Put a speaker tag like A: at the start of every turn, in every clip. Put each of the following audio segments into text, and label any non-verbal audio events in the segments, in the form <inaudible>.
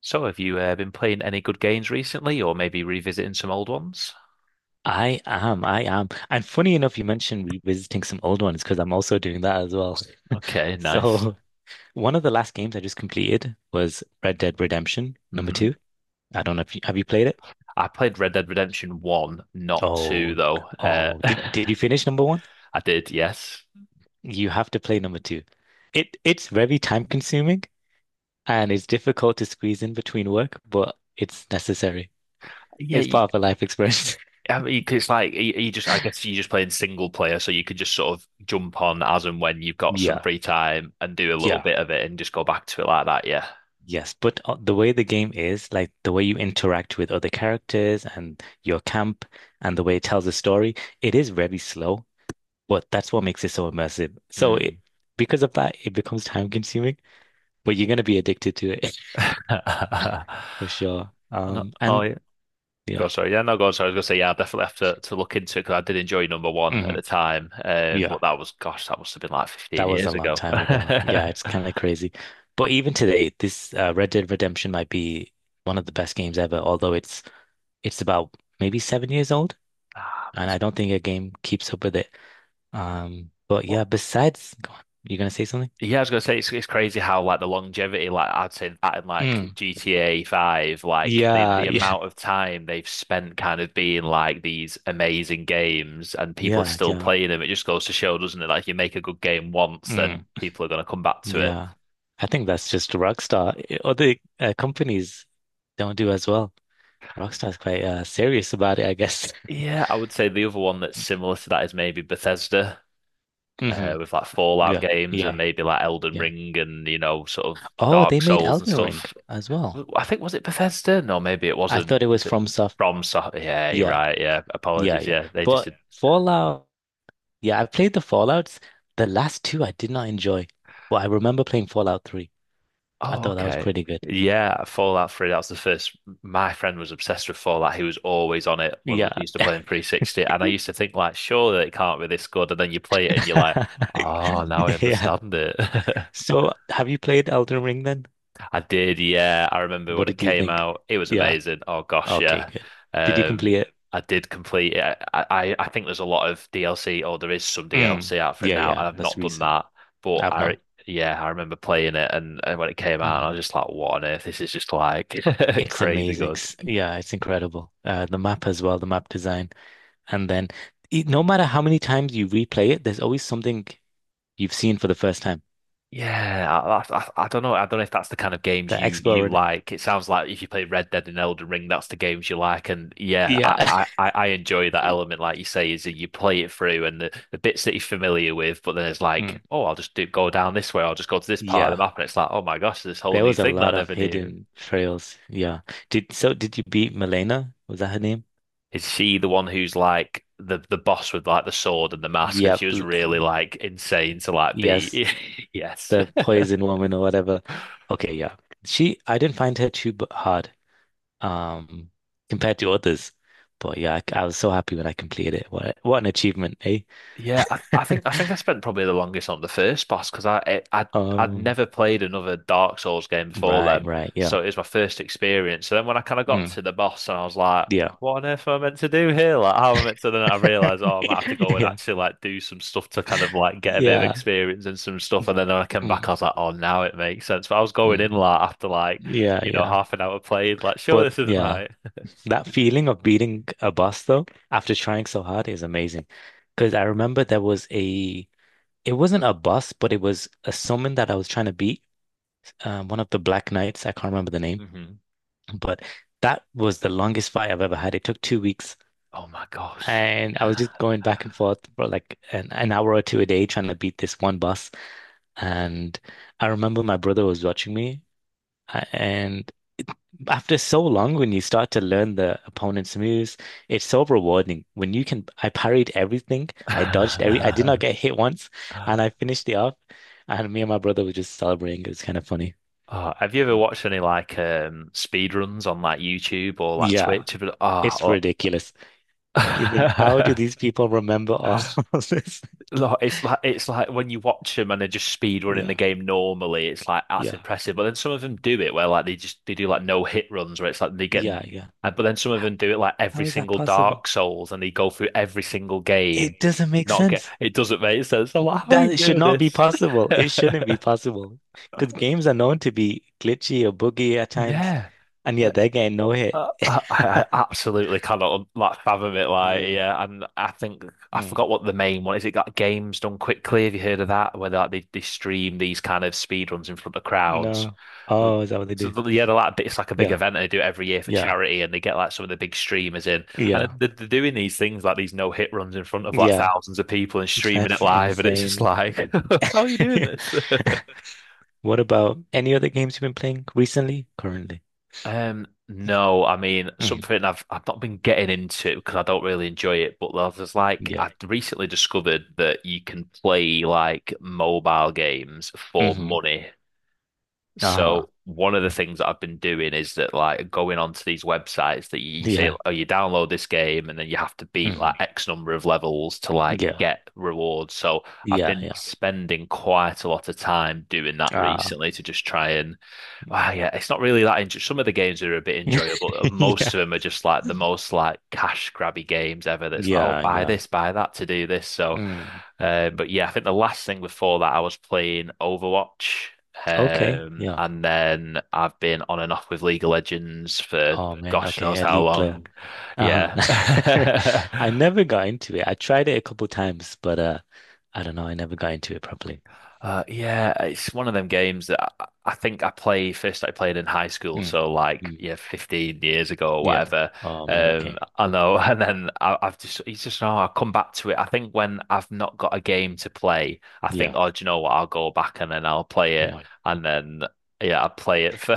A: So, have you been playing any good games recently, or maybe revisiting some old ones?
B: I am. I am. And funny enough, you mentioned revisiting some old ones because I'm also doing that as well.
A: Okay, nice.
B: So <laughs> one of the last games I just completed was Red Dead Redemption number
A: Hmm.
B: two. I don't know, if you have you played it?
A: I played Red Dead Redemption 1, not 2,
B: Oh,
A: though.
B: oh, did
A: <laughs>
B: did you finish number one?
A: I did, yes.
B: You have to play number two. It's very time consuming and it's difficult to squeeze in between work, but it's necessary.
A: Yeah,
B: It's
A: y-
B: part of a life experience. <laughs>
A: I mean, 'cause it's like you just, I guess you're just playing single player, so you could just sort of jump on as and when you've got some
B: Yeah.
A: free time and do a little
B: Yeah.
A: bit of it and just go back to it like that, yeah.
B: Yes, but the way the game is, like the way you interact with other characters and your camp and the way it tells a story, it is very slow, but that's what makes it so immersive.
A: Hmm.
B: Because of that, it becomes time consuming, but you're going to be addicted to it
A: <laughs>
B: <laughs> for sure.
A: Oh, no. Oh,
B: And
A: yeah. Go
B: yeah,
A: sorry, yeah, no, go sorry. I was gonna say, yeah, I definitely have to look into it because I did enjoy number one at
B: hmm
A: the time. But
B: yeah,
A: that was, gosh, that must have been like
B: that
A: 15
B: was a
A: years
B: long
A: ago.
B: time ago.
A: <laughs>
B: Yeah, it's kind of crazy. But even today, this Red Dead Redemption might be one of the best games ever, although it's about maybe 7 years old,
A: Ah,
B: and
A: that's
B: I
A: good.
B: don't think a game keeps up with it. But
A: What?
B: yeah, besides, go on. You gonna say something?
A: Yeah, I was gonna say it's crazy how like the longevity, like I'd say that in like
B: Mm.
A: GTA 5, like the
B: Yeah,
A: the
B: <laughs> yeah,
A: amount of time they've spent kind of being like these amazing games and people are
B: yeah,
A: still
B: yeah.
A: playing them. It just goes to show, doesn't it? Like you make a good game once, then
B: Mm.
A: people are gonna come back to it.
B: Yeah. I think that's just Rockstar. Other companies don't do as well. Rockstar's quite serious about it, I guess.
A: Yeah, I would say the other one that's
B: <laughs>
A: similar to that is maybe Bethesda.
B: Hmm.
A: With like Fallout
B: Yeah,
A: games
B: yeah,
A: and
B: right,
A: maybe like Elden
B: yeah.
A: Ring and you know sort of
B: Oh, they
A: Dark
B: made
A: Souls and
B: Elden Ring
A: stuff.
B: as well.
A: I think was it Bethesda? No, maybe it
B: I
A: wasn't.
B: thought it was
A: Was it
B: from Soft.
A: from? So yeah, you're
B: Yeah,
A: right. Yeah,
B: yeah,
A: apologies.
B: yeah.
A: Yeah, they just
B: But yeah.
A: did.
B: Fallout, yeah, I played the Fallouts. The last two I did not enjoy, but I remember playing Fallout 3. I
A: Oh,
B: thought that was
A: okay.
B: pretty good.
A: Yeah, Fallout 3, that was the first. My friend was obsessed with Fallout. He was always on it when we
B: Yeah.
A: used to play in 360. And I used to think, like, surely it can't be this good. And then you play it and you're like, oh, now I
B: <laughs> Yeah.
A: understand it. <laughs>
B: So have you played Elden Ring then?
A: I did, yeah. I remember
B: What
A: when it
B: did you
A: came
B: think?
A: out. It was
B: Yeah.
A: amazing. Oh gosh,
B: Okay,
A: yeah.
B: good. Did you
A: Um,
B: complete it?
A: I did complete it. I think there's a lot of DLC, or there is some
B: Mm.
A: DLC out for it
B: Yeah,
A: now.
B: yeah.
A: I've
B: That's
A: not done
B: recent.
A: that, but
B: I've not.
A: yeah, I remember playing it and when it came out, and
B: Mm.
A: I was just like, what on earth? This is just like <laughs>
B: It's
A: crazy
B: amazing.
A: good.
B: Yeah, it's incredible. The map as well, the map design. And then no matter how many times you replay it, there's always something you've seen for the first time.
A: Yeah, I don't know. I don't know if that's the kind of games
B: The
A: you
B: explorer.
A: like. It sounds like if you play Red Dead and Elden Ring, that's the games you like. And yeah, I
B: Yeah.
A: I,
B: <laughs>
A: I I enjoy that element, like you say, is that you play it through and the bits that you're familiar with, but then it's
B: Mm.
A: like, oh, I'll just do, go down this way. I'll just go to this part of the
B: Yeah.
A: map, and it's like, oh my gosh, this whole
B: There
A: new
B: was a
A: thing that I
B: lot of
A: never knew.
B: hidden trails. Yeah. Did so did you beat Milena? Was that her name?
A: Is she the one who's like the boss with like the sword and the mask, and she
B: Yep.
A: was really like insane to like
B: Yes.
A: be? <laughs> Yes.
B: The poison woman or whatever. Okay, yeah. She, I didn't find her too hard, um, compared to others. But yeah, I was so happy when I completed it. What an achievement, eh?
A: Yeah, I think I spent probably the longest on the first boss because I'd
B: Um,
A: never played another Dark Souls game before
B: right,
A: then,
B: right, yeah.
A: so it was my first experience. So then when I kind of got
B: Mm,
A: to the boss and I was like,
B: yeah.
A: "What on earth am I meant to do here? Like, how am I meant to?" Then I realized,
B: <laughs>
A: oh, I might have to go and
B: Yeah.
A: actually like do some stuff to kind of like get a bit of
B: Yeah.
A: experience and some stuff. And then when I came back, I
B: Mm,
A: was like, "Oh, now it makes sense." But I was going in
B: mm.
A: like after like
B: Yeah, yeah.
A: half an hour played, like, "Sure,
B: But
A: this isn't
B: yeah,
A: right."
B: that feeling of beating a boss though, after trying so hard is amazing. Because I remember, there was a It wasn't a boss, but it was a summon that I was trying to beat. One of the Black Knights, I can't remember the
A: <laughs>
B: name,
A: Hmm.
B: but that was the longest fight I've ever had. It took 2 weeks,
A: Oh my gosh.
B: and I was just going back and forth for like an hour or two a day trying to beat this one boss. And I remember my brother was watching me, and after so long, when you start to learn the opponent's moves, it's so rewarding. I parried everything, I dodged every, I did not get hit once, and I
A: <laughs>
B: finished it off. And me and my brother were just celebrating. It was kind of funny.
A: Oh, have you ever watched any like speed runs on like YouTube or like
B: Yeah,
A: Twitch?
B: it's
A: Oh,
B: ridiculous. You think, how do
A: oh.
B: these people remember all <laughs> of this?
A: <laughs> Look, it's like when you watch them and they're just speed running the
B: Yeah,
A: game normally, it's like that's
B: yeah,
A: impressive. But then some of them do it where like they do like no hit runs where it's like they get,
B: yeah, yeah.
A: but then some of
B: How,
A: them do it like
B: how
A: every
B: is that
A: single
B: possible?
A: Dark Souls and they go through every single game,
B: It doesn't make
A: not get
B: sense.
A: it doesn't make sense. I'm like, how are
B: That
A: you
B: it should
A: doing
B: not be
A: this?
B: possible. It shouldn't be possible. Because games are known to be glitchy or buggy at
A: <laughs>
B: times.
A: Yeah.
B: And yet they're getting no hit. <laughs>
A: I absolutely cannot like fathom it. Like,
B: Yeah.
A: yeah, and I think I
B: Mm.
A: forgot what the main one is. It got games done quickly. Have you heard of that? Where they, like they stream these kind of speed runs in front of crowds.
B: No. Oh, is that what they do?
A: Yeah, they're like it's like a big
B: Yeah.
A: event. And they do it every year for
B: Yeah.
A: charity, and they get like some of the big streamers in, and
B: Yeah.
A: they're doing these things like these no hit runs in front of like
B: Yeah.
A: thousands of people and streaming it
B: That's
A: live, and it's just
B: insane.
A: like, <laughs> how are
B: <laughs>
A: you doing this? <laughs>
B: What about any other games you've been playing recently? Currently?
A: No, I mean
B: Hmm.
A: something I've not been getting into because I don't really enjoy it. But there's like I
B: Yeah.
A: recently discovered that you can play like mobile games for
B: Hmm.
A: money
B: Uh-huh.
A: so one of the things that I've been doing is that like going onto these websites that you say,
B: Yeah.
A: oh, you download this game and then you have to beat like
B: Hmm.
A: X number of levels to like
B: Yeah.
A: get rewards. So I've
B: Yeah.
A: been
B: Yeah.
A: spending quite a lot of time doing that
B: Ah.
A: recently to just try ah, yeah,
B: <laughs>
A: it's not really that enjoy Some of the games are a bit
B: Yeah.
A: enjoyable. And most of them are just like the most like cash grabby games ever. That's like, oh,
B: Yeah.
A: buy
B: Yeah.
A: this, buy that to do this. So,
B: Mm.
A: but yeah, I think the last thing before that I was playing Overwatch.
B: Okay, yeah.
A: And then I've been on and off with League of Legends for
B: Oh man,
A: gosh knows
B: okay,
A: how
B: elite player.
A: long. Yeah.
B: Uh-huh. <laughs> I
A: <laughs>
B: never got into it. I tried it a couple times, but I don't know, I never got into it properly.
A: Yeah, it's one of them games that I think I played in high school,
B: Mm.
A: so like
B: Mm.
A: yeah, 15 years ago or
B: Yeah.
A: whatever.
B: Oh man, okay.
A: I know, <laughs> and then I've just it's just no, I come back to it. I think when I've not got a game to play, I think,
B: Yeah.
A: oh, do you know what? I'll go back and then I'll play it,
B: Yeah.
A: and then yeah, I play it for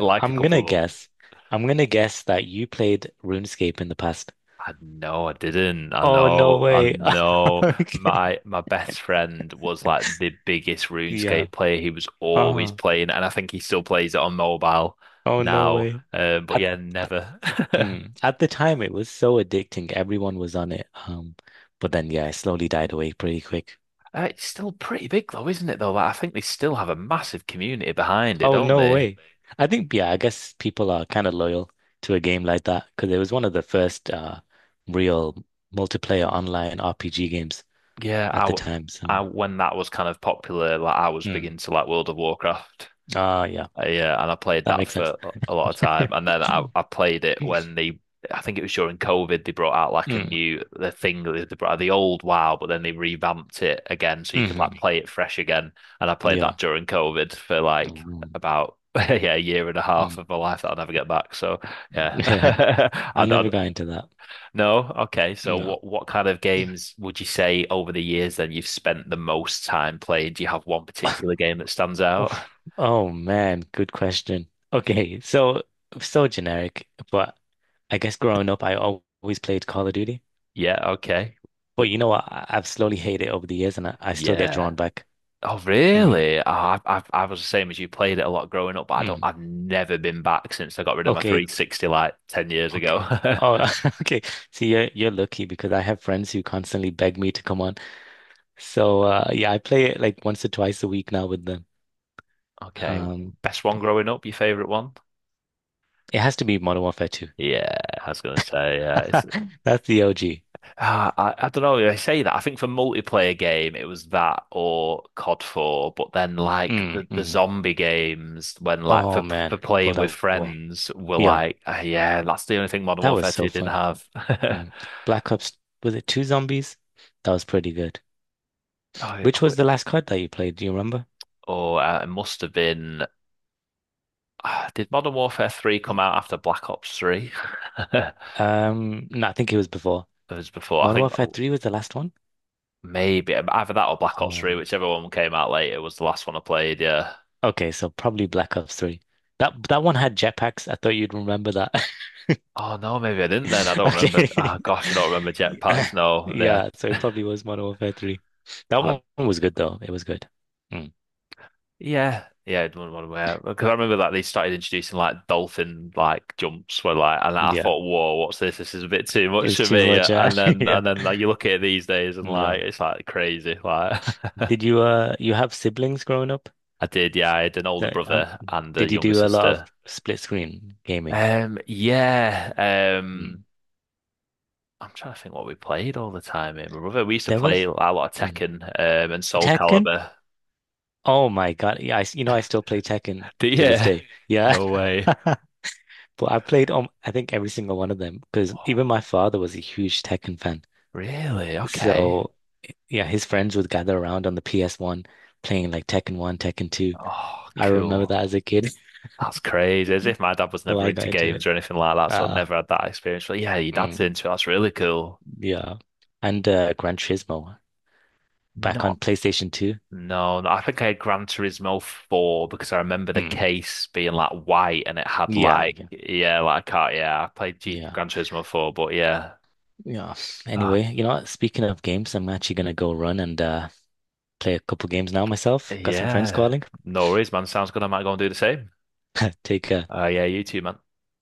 A: <laughs> like a couple
B: gonna
A: of months.
B: guess. I'm gonna guess that you played RuneScape in the past.
A: I know I didn't. I
B: Oh no
A: know. I
B: way. <laughs>
A: know.
B: Okay.
A: My best friend was like the biggest
B: Yeah.
A: RuneScape player. He was always
B: Uh-huh.
A: playing, and I think he still plays it on mobile
B: Oh no
A: now.
B: way.
A: But
B: I,
A: yeah,
B: I
A: never. <laughs>
B: Mm. At the time, it was so addicting. Everyone was on it. But then, yeah, it slowly died away pretty quick.
A: It's still pretty big though, isn't it? Though, like, I think they still have a massive community behind it,
B: Oh,
A: don't
B: no
A: they?
B: way. I think, yeah, I guess people are kind of loyal to a game like that because it was one of the first real multiplayer online RPG games
A: Yeah, I,
B: at the
A: w-
B: time.
A: I
B: So,
A: when that was kind of popular, like I was big
B: mm.
A: into like World of Warcraft.
B: Ah, yeah,
A: Yeah, and I played
B: that
A: that
B: makes sense.
A: for a lot of time,
B: <laughs>
A: and then I played it when they, I think it was during COVID, they brought out like a
B: Mm.
A: new the thing that they brought out the old WoW, but then they revamped it again so you could like
B: Hmm.
A: play it fresh again. And I played
B: Yeah.
A: that during COVID for like
B: Mhm.
A: about <laughs> yeah a year and a
B: Mm.
A: half of my life that I'll never get back. So
B: <laughs>
A: yeah,
B: Yeah.
A: <laughs> I,
B: I
A: don't
B: never got into that.
A: no okay. So
B: No.
A: what kind of games would you say over the years then you've spent the most time playing? Do you have one particular game that stands out?
B: Oof. Oh man, good question. Okay, so generic, but I guess growing up, I always played Call of Duty.
A: Yeah, okay.
B: But you know what? I've slowly hated it over the years, and I still get
A: Yeah.
B: drawn back.
A: Oh,
B: Mm, right?
A: really? Oh, I was the same as you. Played it a lot growing up, but I don't.
B: Mm.
A: I've never been back since I got rid of my
B: Okay,
A: 360 like 10 years ago.
B: okay.
A: <laughs>
B: Oh, <laughs> okay. See, you're lucky because I have friends who constantly beg me to come on. So yeah, I play it like once or twice a week now with them.
A: Okay,
B: Um,
A: best one
B: but
A: growing up. Your favorite one?
B: it has to be Modern Warfare 2.
A: Yeah, I was gonna say. Yeah, it's.
B: <laughs> That's the OG.
A: I don't know. I say that. I think for multiplayer game, it was that or COD 4. But then like
B: Mm, right. Mm.
A: the
B: Mm-hmm.
A: zombie games, when like
B: Oh
A: for
B: man, pull
A: playing
B: that
A: with
B: Play wall.
A: friends, were
B: Yeah.
A: like, ah, yeah, that's the only thing Modern
B: That was
A: Warfare
B: so
A: 2 didn't
B: fun.
A: have. <laughs>
B: Mm. Black Ops, was it two zombies? That was pretty good.
A: Oh, yeah. Oh,
B: Which was the last card that you played? Do you remember?
A: Oh, it must have been. Did Modern Warfare 3 come out after Black Ops 3? <laughs>
B: No, I think it was before.
A: It was before. I
B: Modern
A: think
B: Warfare
A: oh,
B: 3 was the last one?
A: maybe either that or Black Ops
B: Oh,
A: 3, whichever one came out later was the last one I played. Yeah.
B: okay, so probably Black Ops 3. That one had jetpacks. I thought you'd remember that.
A: Oh, no, maybe I didn't then. I
B: <laughs>
A: don't remember.
B: Okay.
A: Oh, gosh, I don't remember jetpacks.
B: <laughs>
A: No, yeah.
B: Yeah, so it
A: <laughs>
B: probably was Modern Warfare 3. That
A: Uh,
B: one was good though. It was good. Mm.
A: Yeah. Yeah, I don't want to wear Because I remember that they started introducing like dolphin like jumps where like and I
B: Yeah.
A: thought, whoa, what's this? This is a bit too
B: It
A: much
B: was
A: for
B: too
A: me.
B: much.
A: And
B: <laughs>
A: then
B: Yeah.
A: like, you look at it these days and like
B: Yeah.
A: it's like crazy. Like <laughs>
B: Did you have siblings growing up?
A: I did, yeah. I had an older
B: So,
A: brother and a
B: did you
A: younger
B: do a lot of
A: sister.
B: split screen gaming?
A: Yeah.
B: Mm.
A: I'm trying to think what we played all the time. Me and my brother, we used to
B: There
A: play
B: was
A: a lot of
B: mm.
A: Tekken, and Soul
B: Tekken.
A: Calibur.
B: Oh my God! Yeah, I s you know I still play Tekken
A: <laughs> Do
B: to
A: you?
B: this day. Yeah,
A: No
B: <laughs>
A: way. <gasps>
B: but I played, I think every single one of them because
A: Oh,
B: even my father was a huge Tekken fan.
A: really? Okay.
B: So yeah, his friends would gather around on the PS1 playing like Tekken 1, Tekken 2.
A: Oh,
B: I remember that
A: cool.
B: as a kid,
A: That's crazy. As if my dad was
B: <laughs> so
A: never
B: I got
A: into
B: into
A: games
B: it.
A: or anything like that, so I
B: Uh,
A: never had that experience. But yeah, your dad's
B: mm,
A: into it. That's really cool.
B: yeah, and Gran Turismo back on
A: No.
B: PlayStation 2.
A: No, no, I think I had Gran Turismo 4 because I remember the
B: Mm.
A: case being like white and it had
B: Yeah,
A: like,
B: yeah,
A: yeah, like I can't, yeah, I played G
B: yeah,
A: Gran Turismo 4, but yeah.
B: yeah.
A: Oh,
B: Anyway, you know what? Speaking of games, I'm actually gonna go run and play a couple games now myself. Got some friends
A: yeah.
B: calling.
A: No worries, man. Sounds good. I might go and do the same.
B: <laughs> Take care.
A: Yeah, you too, man.